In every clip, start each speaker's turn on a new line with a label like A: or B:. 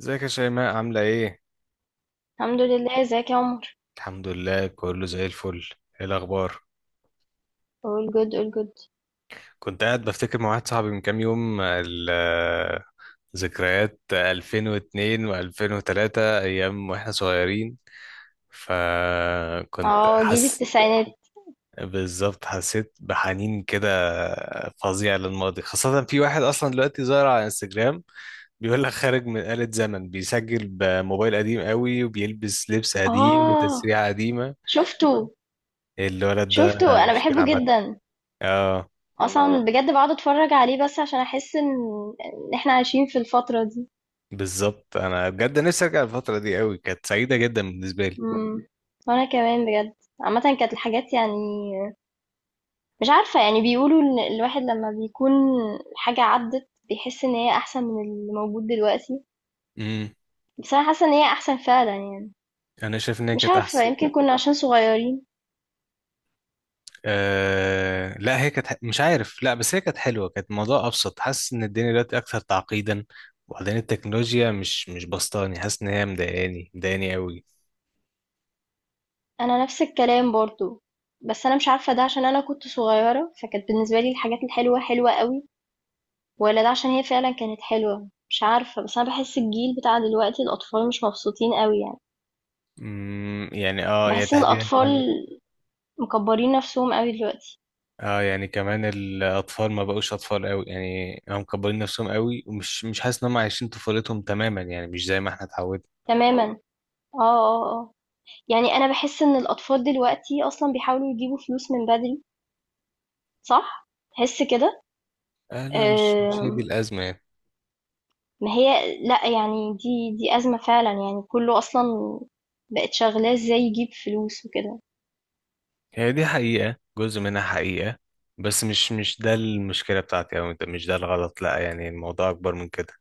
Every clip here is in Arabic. A: ازيك يا شيماء، عاملة ايه؟
B: الحمد لله، ازيك يا عمر؟
A: الحمد لله، كله زي الفل. ايه الأخبار؟
B: All good, all good.
A: كنت قاعد بفتكر مع واحد صاحبي من كام يوم ذكريات 2002 و2003، أيام واحنا صغيرين فكنت
B: اه، جيل
A: حس.
B: التسعينات.
A: بالظبط، حسيت بحنين كده فظيع للماضي، خاصة في واحد أصلا دلوقتي ظاهر على انستجرام بيقول لك خارج من آلة زمن، بيسجل بموبايل قديم قوي وبيلبس لبس قديم
B: اه،
A: وتسريحة قديمة.
B: شفته.
A: إيه الولد ده؟
B: شفته انا
A: مشكلة
B: بحبه
A: عامة.
B: جدا.
A: اه.
B: اصلا بجد بقعد اتفرج عليه بس عشان احس ان احنا عايشين في الفترة دي.
A: بالظبط، انا بجد نفسي ارجع الفتره دي قوي، كانت سعيده جدا بالنسبه لي.
B: امم، وانا كمان بجد. عامة كانت الحاجات يعني مش عارفة، يعني بيقولوا ان الواحد لما بيكون حاجة عدت بيحس ان هي احسن من اللي موجود دلوقتي،
A: امم
B: بس انا حاسة ان هي احسن فعلا يعني.
A: انا شايف ان هي
B: مش
A: كانت
B: عارفة،
A: احسن.
B: يمكن كنا عشان صغيرين.
A: آه لا، هي كانت مش عارف، لا بس هي كانت حلوه، كانت الموضوع ابسط، حاسس ان الدنيا دلوقتي اكثر تعقيدا. وبعدين التكنولوجيا مش بسطاني، حاسس ان هي مضايقاني مضايقاني قوي.
B: أنا نفس الكلام برضه، بس أنا مش عارفة ده عشان أنا كنت صغيرة فكانت بالنسبة لي الحاجات الحلوة حلوة قوي، ولا ده عشان هي فعلا كانت حلوة. مش عارفة، بس أنا بحس الجيل بتاع دلوقتي الأطفال مش مبسوطين قوي يعني.
A: يعني يعني
B: بحس إن
A: تحديدا
B: الأطفال
A: كمان.
B: مكبرين نفسهم قوي دلوقتي.
A: اه، يعني كمان الاطفال ما بقوش اطفال قوي يعني، هم مكبرين نفسهم قوي، ومش مش حاسس ان هم عايشين طفولتهم تماما يعني، مش زي ما احنا اتعودنا.
B: تماما. اه، اه، اه. يعني أنا بحس إن الأطفال دلوقتي أصلا بيحاولوا يجيبوا فلوس من بدري. صح؟ تحس كده؟
A: آه لا، مش هي دي
B: آم،
A: الازمه يعني.
B: ما هي لأ، يعني دي أزمة فعلًا، يعني كُلّه أصلًا بقت شغّلاه إزاي يجيب فلوس وكده.
A: هي دي حقيقة، جزء منها حقيقة. بس مش ده المشكلة بتاعتي، أو مش ده الغلط، لأ يعني الموضوع أكبر من كده.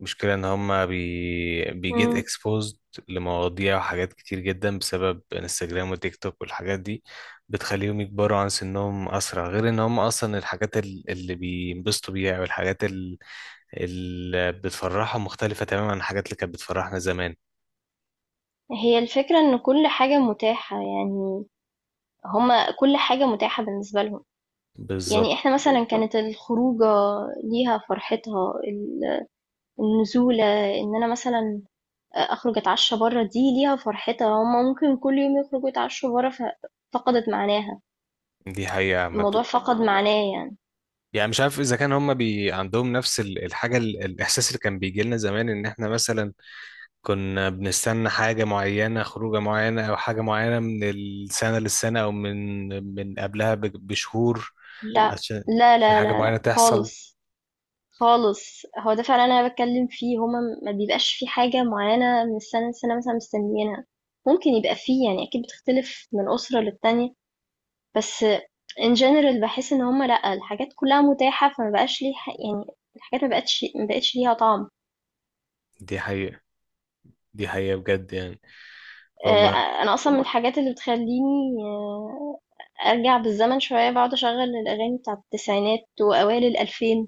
A: المشكلة إن هما بيجيت
B: إمم.
A: اكسبوزد لمواضيع وحاجات كتير جدا بسبب انستجرام وتيك توك والحاجات دي. بتخليهم يكبروا عن سنهم أسرع، غير إن هما أصلا الحاجات اللي بينبسطوا بيها والحاجات اللي بتفرحهم مختلفة تماما عن الحاجات اللي كانت بتفرحنا زمان.
B: هي الفكرة إن كل حاجة متاحة، يعني هُم كل حاجة متاحة بالنسبة لهم.
A: بالظبط.
B: يعني إحنا مثلًا بالضبط. كانت الخروجة ليها فرحتها، ال النزولة، إن أنا مثلًا أخرج أتعشّى برّه دي ليها فرحتها، هُم ممكن كل يوم يخرجوا يتعشّوا برّه، ف فقدت معناها.
A: دي حقيقة عامة.
B: الموضوع فقد معناه. معناه يعني.
A: يعني مش عارف اذا كان هم عندهم نفس الاحساس اللي كان بيجي لنا زمان، ان احنا مثلا كنا بنستنى حاجه معينه، خروجه معينه او حاجه معينه، من السنه للسنه، او من قبلها بشهور،
B: لأ،
A: عشان
B: لا،
A: عشان
B: لا،
A: حاجه
B: لا، لأ
A: معينه تحصل.
B: خالص. خالص، هو ده فعلا انا بتكلم فيه. ما بيبقاش في حاجه معينه من السنه لسنه مثلا مستنيينها. ممكن يبقى فيه يعني، اكيد بتختلف من اسره للتانية، بس in general بحس ان هما لا، الحاجات كلها متاحه، فما بقاش ليه يعني، الحاجات ما بقتش ليها طعم.
A: دي حقيقه، دي حقيقه بجد يعني. فهم.
B: آه، انا اصلا من الحاجات اللي بتخليني آه، ارجع بالزمن شويه، بقعد اشغل الاغاني بتاعه التسعينات واوائل الالفين.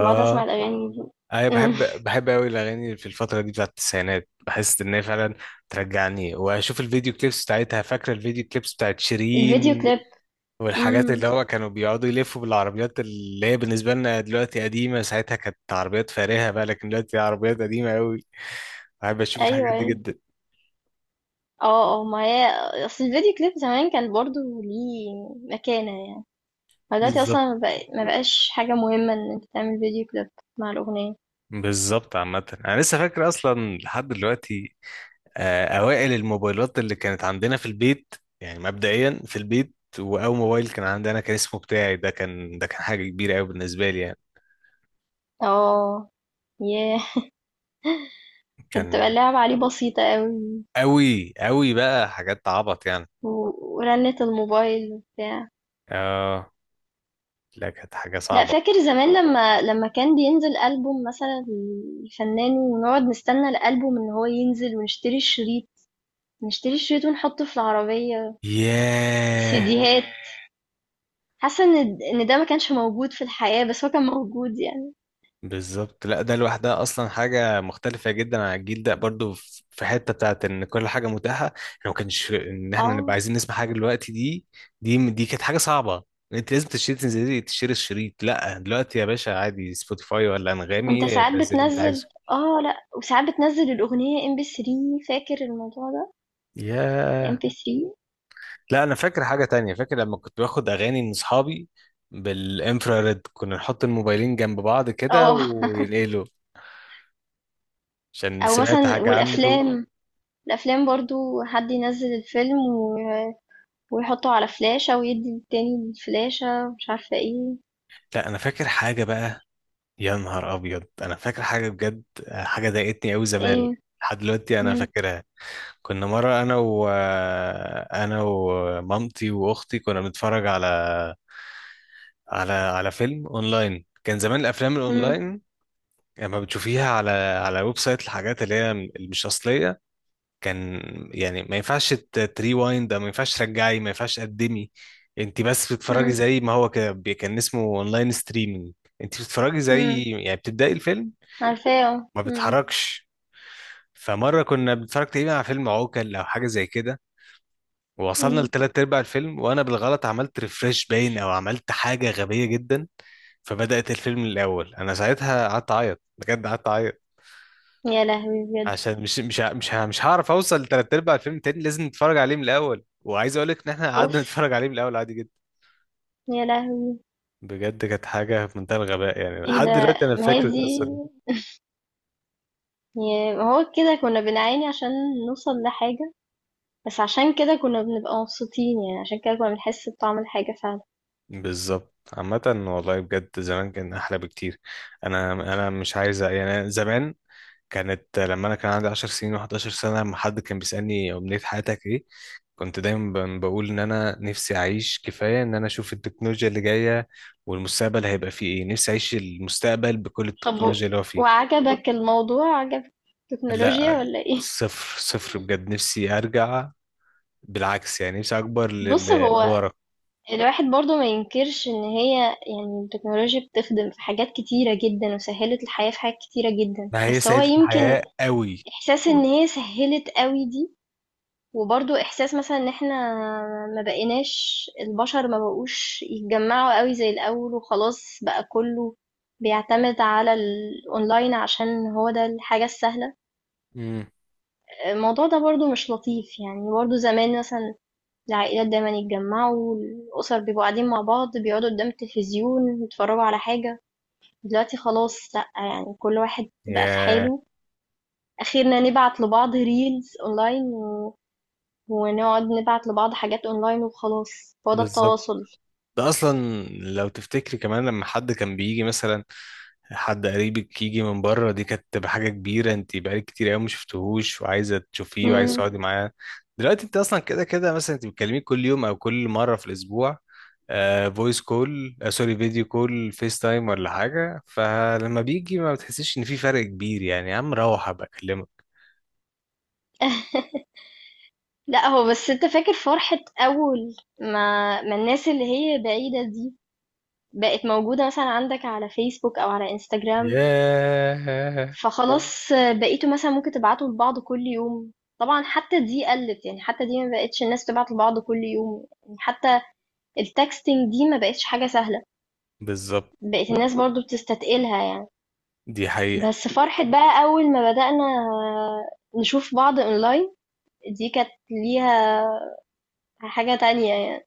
B: بقعد اسمع الاغاني دي.
A: انا
B: أمم.
A: بحب بحب قوي الاغاني في الفتره دي بتاعت التسعينات، بحس ان هي فعلا ترجعني، واشوف الفيديو كليبس بتاعتها، فاكره الفيديو كليبس بتاعت
B: الفيديو
A: شيرين
B: كليب.
A: والحاجات،
B: امم،
A: اللي هو كانوا بيقعدوا يلفوا بالعربيات اللي هي بالنسبة لنا دلوقتي قديمة، ساعتها كانت عربيات فارهة بقى، لكن دلوقتي عربيات قديمة قوي. بحب أشوف الحاجات
B: ايوه
A: دي
B: أيوة.
A: جدا.
B: اه اه، ما هي اصل الفيديو كليب زمان كان برضو ليه مكانة يعني. فدلوقتي
A: بالظبط.
B: اصلا ما بقاش حاجة مهمة ان انت تعمل فيديو كليب مع الأغنية.
A: بالظبط. عامة أنا لسه فاكر أصلا لحد دلوقتي آه، أوائل الموبايلات اللي كانت عندنا في البيت. يعني مبدئيا في البيت، وأول موبايل كان عندنا كان اسمه بتاعي ده كان حاجة كبيرة قوي بالنسبة لي يعني.
B: اه. ياه، كانت بتبقى
A: كان
B: اللعبة عليه بسيطة قوي.
A: قوي قوي، بقى حاجات عبط يعني.
B: ورنة الموبايل وبتاع.
A: اه. لا كانت حاجة
B: لا،
A: صعبة.
B: فاكر زمان لما كان بينزل ألبوم مثلا الفنان، ونقعد نستنى الألبوم ان هو ينزل ونشتري الشريط. نشتري الشريط ونحطه في العربية.
A: ياه.
B: السيديهات. حاسة إن د إن ده ما كانش موجود في الحياة، بس هو كان موجود يعني.
A: بالظبط، لا ده لوحدها اصلا حاجه مختلفه جدا عن الجيل ده برضو، في حته بتاعت ان كل حاجه متاحه، احنا ما كانش ان احنا نبقى
B: آه،
A: عايزين نسمع حاجه دلوقتي دي. دي كانت حاجه صعبه. انت لازم تشتري، تنزلي تشتري الشريط. لا دلوقتي يا باشا عادي سبوتيفاي ولا
B: وأنت موجود
A: انغامي
B: ساعات دلوقتي
A: نزل اللي انت
B: بتنزّل.
A: عايزه.
B: آه، لأ، وساعات بتنزّل الأغنية MP3. فاكر الموضوع ده؟
A: ياه.
B: MP3.
A: لا انا فاكر حاجه تانية، فاكر لما كنت باخد اغاني من اصحابي بالانفراريد، كنا نحط الموبايلين جنب بعض كده
B: آه.
A: وينقلوا، عشان
B: أو
A: سمعت
B: مثلًا
A: حاجه عنده.
B: والأفلام، الأفلام برضه حد ينزّل الفيلم و ويحطه على فلاشة ويدّي للتاني الفلاشة ومش عارفة إيه.
A: لا انا فاكر حاجه بقى. يا نهار ابيض، انا فاكر حاجه بجد آه، حاجه ضايقتني قوي زمان،
B: إيه؟
A: لحد دلوقتي انا
B: إمم.
A: فاكرها. كنا مره انا ومامتي واختي كنا بنتفرج على على فيلم اونلاين. كان زمان الافلام
B: إمم.
A: الاونلاين لما بتشوفيها على ويب سايت، الحاجات اللي هي مش اصليه. كان يعني ما ينفعش تريوايند، ما ينفعش ترجعي، ما ينفعش تقدمي. انت بس بتتفرجي
B: إمم.
A: زي ما هو كده كان اسمه اونلاين ستريمينج. انت بتتفرجي
B: إمم.
A: زي يعني بتبداي الفيلم،
B: عارفاه. آه،
A: ما
B: إمم.
A: بتحركش. فمرة كنا بنتفرج تقريبا على فيلم عوكل أو حاجة زي كده، ووصلنا
B: إمم.
A: لتلات أرباع الفيلم، وأنا بالغلط عملت ريفرش باين، أو عملت حاجة غبية جدا، فبدأت الفيلم من الأول. أنا ساعتها قعدت أعيط بجد، قعدت أعيط،
B: يا لهوي بجد!
A: عشان مش هعرف أوصل لتلات أرباع الفيلم تاني، لازم نتفرج عليه من الأول. وعايز أقول لك إن إحنا
B: أوف،
A: قعدنا نتفرج عليه من الأول عادي جدا.
B: يا لهوي!
A: بجد كانت حاجة في منتهى الغباء يعني،
B: إيه
A: لحد
B: ده!
A: دلوقتي أنا
B: ما هي
A: فاكر
B: دي،
A: القصة دي.
B: يعني هو كده كنا بنعاني عشان نوصل لحاجة، بس عشان كده كنا بنبقى مبسوطين يعني، عشان كده كنا بنحس بطعم الحاجة فعلا.
A: بالظبط. عامة والله بجد زمان كان أحلى بكتير. أنا مش عايز يعني، أنا زمان كانت، لما انا كان عندي 10 سنين و11 سنه، لما حد كان بيسالني امنيه حياتك ايه، كنت دايما بقول ان انا نفسي اعيش كفايه، ان انا اشوف التكنولوجيا اللي جايه والمستقبل هيبقى فيه ايه، نفسي اعيش المستقبل بكل
B: طب
A: التكنولوجيا اللي هو فيه.
B: وعجبك الموضوع؟ عجبك التكنولوجيا
A: لا.
B: ولا ايه؟
A: صفر صفر بجد، نفسي ارجع، بالعكس يعني نفسي اكبر
B: بص، هو
A: لورا.
B: الواحد برضو ما ينكرش ان هي، يعني التكنولوجيا بتخدم في حاجات كتيرة جدا وسهلت الحياة في حاجات كتيرة جدا،
A: ما هي
B: بس هو
A: سعيده
B: يمكن
A: الحياه قوي.
B: احساس ان هي سهلت قوي دي، وبرضو احساس مثلا ان احنا ما بقيناش، البشر ما بقوش يتجمعوا قوي زي الاول، وخلاص بقى كله بيعتمد على الاونلاين عشان هو ده الحاجة السهلة.
A: امم.
B: الموضوع ده برضو مش لطيف يعني. برضو زمان مثلا العائلات دايما يتجمعوا، الأسر بيبقوا قاعدين مع بعض، بيقعدوا قدام التلفزيون يتفرجوا على حاجة. دلوقتي خلاص لأ، يعني كل واحد بقى في
A: يا.
B: حاله. أخيرا نبعت لبعض ريلز أونلاين، و... ونقعد نبعت لبعض حاجات أونلاين، وخلاص هو ده
A: بالظبط.
B: التواصل.
A: ده اصلا، لو تفتكري كمان لما حد كان بيجي مثلا، حد قريبك يجي من بره، دي كانت تبقى حاجة كبيرة، انت بقالك كتير قوي ما شفتهوش وعايزة تشوفيه
B: ايوه،
A: وعايزة تقعدي
B: مم.
A: معاه. دلوقتي انت اصلا كده كده، مثلا انت بتكلميه كل يوم او كل مرة في الاسبوع فويس كول، آه سوري، فيديو كول فيس تايم ولا حاجة، فلما بيجي ما بتحسيش ان في فرق كبير يعني، يا عم روح ابقى اكلمك.
B: لا، هو بس انت فاكر فرحة أول ما الناس اللي هي بعيدة دي بقت موجودة مثلا عندك على فيسبوك أو على انستجرام؟ اه،
A: ياه.
B: فخلاص بقيتوا مثلا ممكن تبعتوا لبعض كل يوم. طبعا حتى دي قلت، يعني حتى دي ما بقتش الناس تبعت لبعض كل يوم، يعني حتى التكستنج دي ما بقتش حاجة سهلة.
A: بالظبط.
B: بقت الناس برضو بتستتقلها يعني.
A: دي حقيقة.
B: بس فرحة بقى أول ما بدأنا نشوف بعض أونلاين، دي كانت ليها حاجة تانية يعني.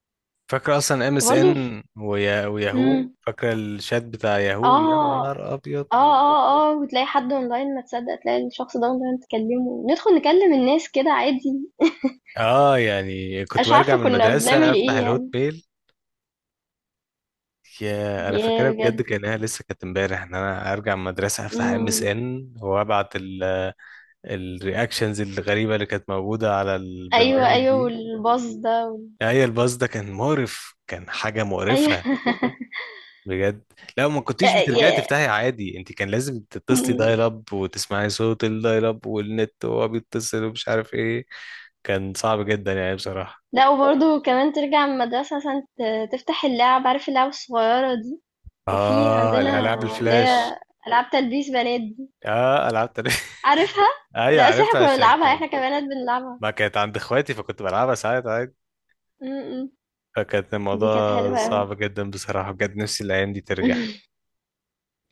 A: فاكرة اصلا ام اس
B: وبرضه ف
A: ان وياهو،
B: إمم.
A: فاكرة الشات بتاع ياهو؟ يا
B: آه،
A: نهار ابيض.
B: آه، آه، آه، وتلاقي حد أونلاين ما تصدّق، تلاقي الشخص ده أونلاين تكلّمه، ندخل نكلّم الناس كده عادي.
A: اه، يعني
B: أنا
A: كنت
B: مش
A: برجع
B: عارفة
A: من
B: كُنّا
A: المدرسة
B: بنعمل
A: افتح
B: إيه
A: الهوت
B: يعني.
A: ميل. يا انا فاكرها
B: ياه
A: بجد
B: بجد!
A: كانها لسه كانت امبارح، ان انا ارجع من المدرسة افتح ام اس
B: إمم.
A: ان وابعت الرياكشنز الغريبة اللي كانت موجودة على
B: أيوه،
A: البرنامج
B: أيوه،
A: دي.
B: والباص ده و
A: هي الباص ده كان مقرف، كان حاجة
B: أيوه.
A: مقرفة بجد. لو ما
B: أ
A: كنتيش بترجعي
B: ي
A: تفتحي عادي، انت كان لازم تتصلي
B: إمم.
A: دايل اب، وتسمعي صوت الدايل اب والنت وهو بيتصل ومش عارف ايه. كان صعب جدا يعني بصراحة.
B: لأ، وبرضه كمان ترجع من المدرسة مثلًا، تفتح اللعَب، عارف اللعَب الصغيّرة دي؟ كان في
A: اه
B: عندنا
A: الالعاب
B: اللي هي
A: الفلاش.
B: ألعاب تلبيس بنات دي.
A: اه العاب تاريخ
B: عارفها؟
A: ايوه
B: لأ أصل إحنا
A: عارفها،
B: كنا
A: عشان
B: بنلعبها،
A: كان
B: إحنا كبنات بنلعبها.
A: ما كانت عند اخواتي، فكنت بلعبها ساعات عادي.
B: إمم، إمم.
A: فكانت
B: دي
A: الموضوع
B: كانت حلوة أوي.
A: صعب جدا بصراحة، بجد نفسي الأيام دي ترجع.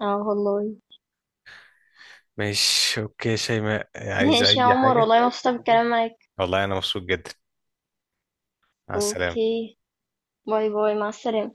B: آه والله.
A: ماشي أوكي شيماء، عايزة
B: ماشي
A: أي
B: يا عمر،
A: حاجة؟
B: والله مبسوطة بالكلام معاك.
A: والله أنا مبسوط جدا. مع السلامة.
B: أوكي، باي، باي، مع السلامة.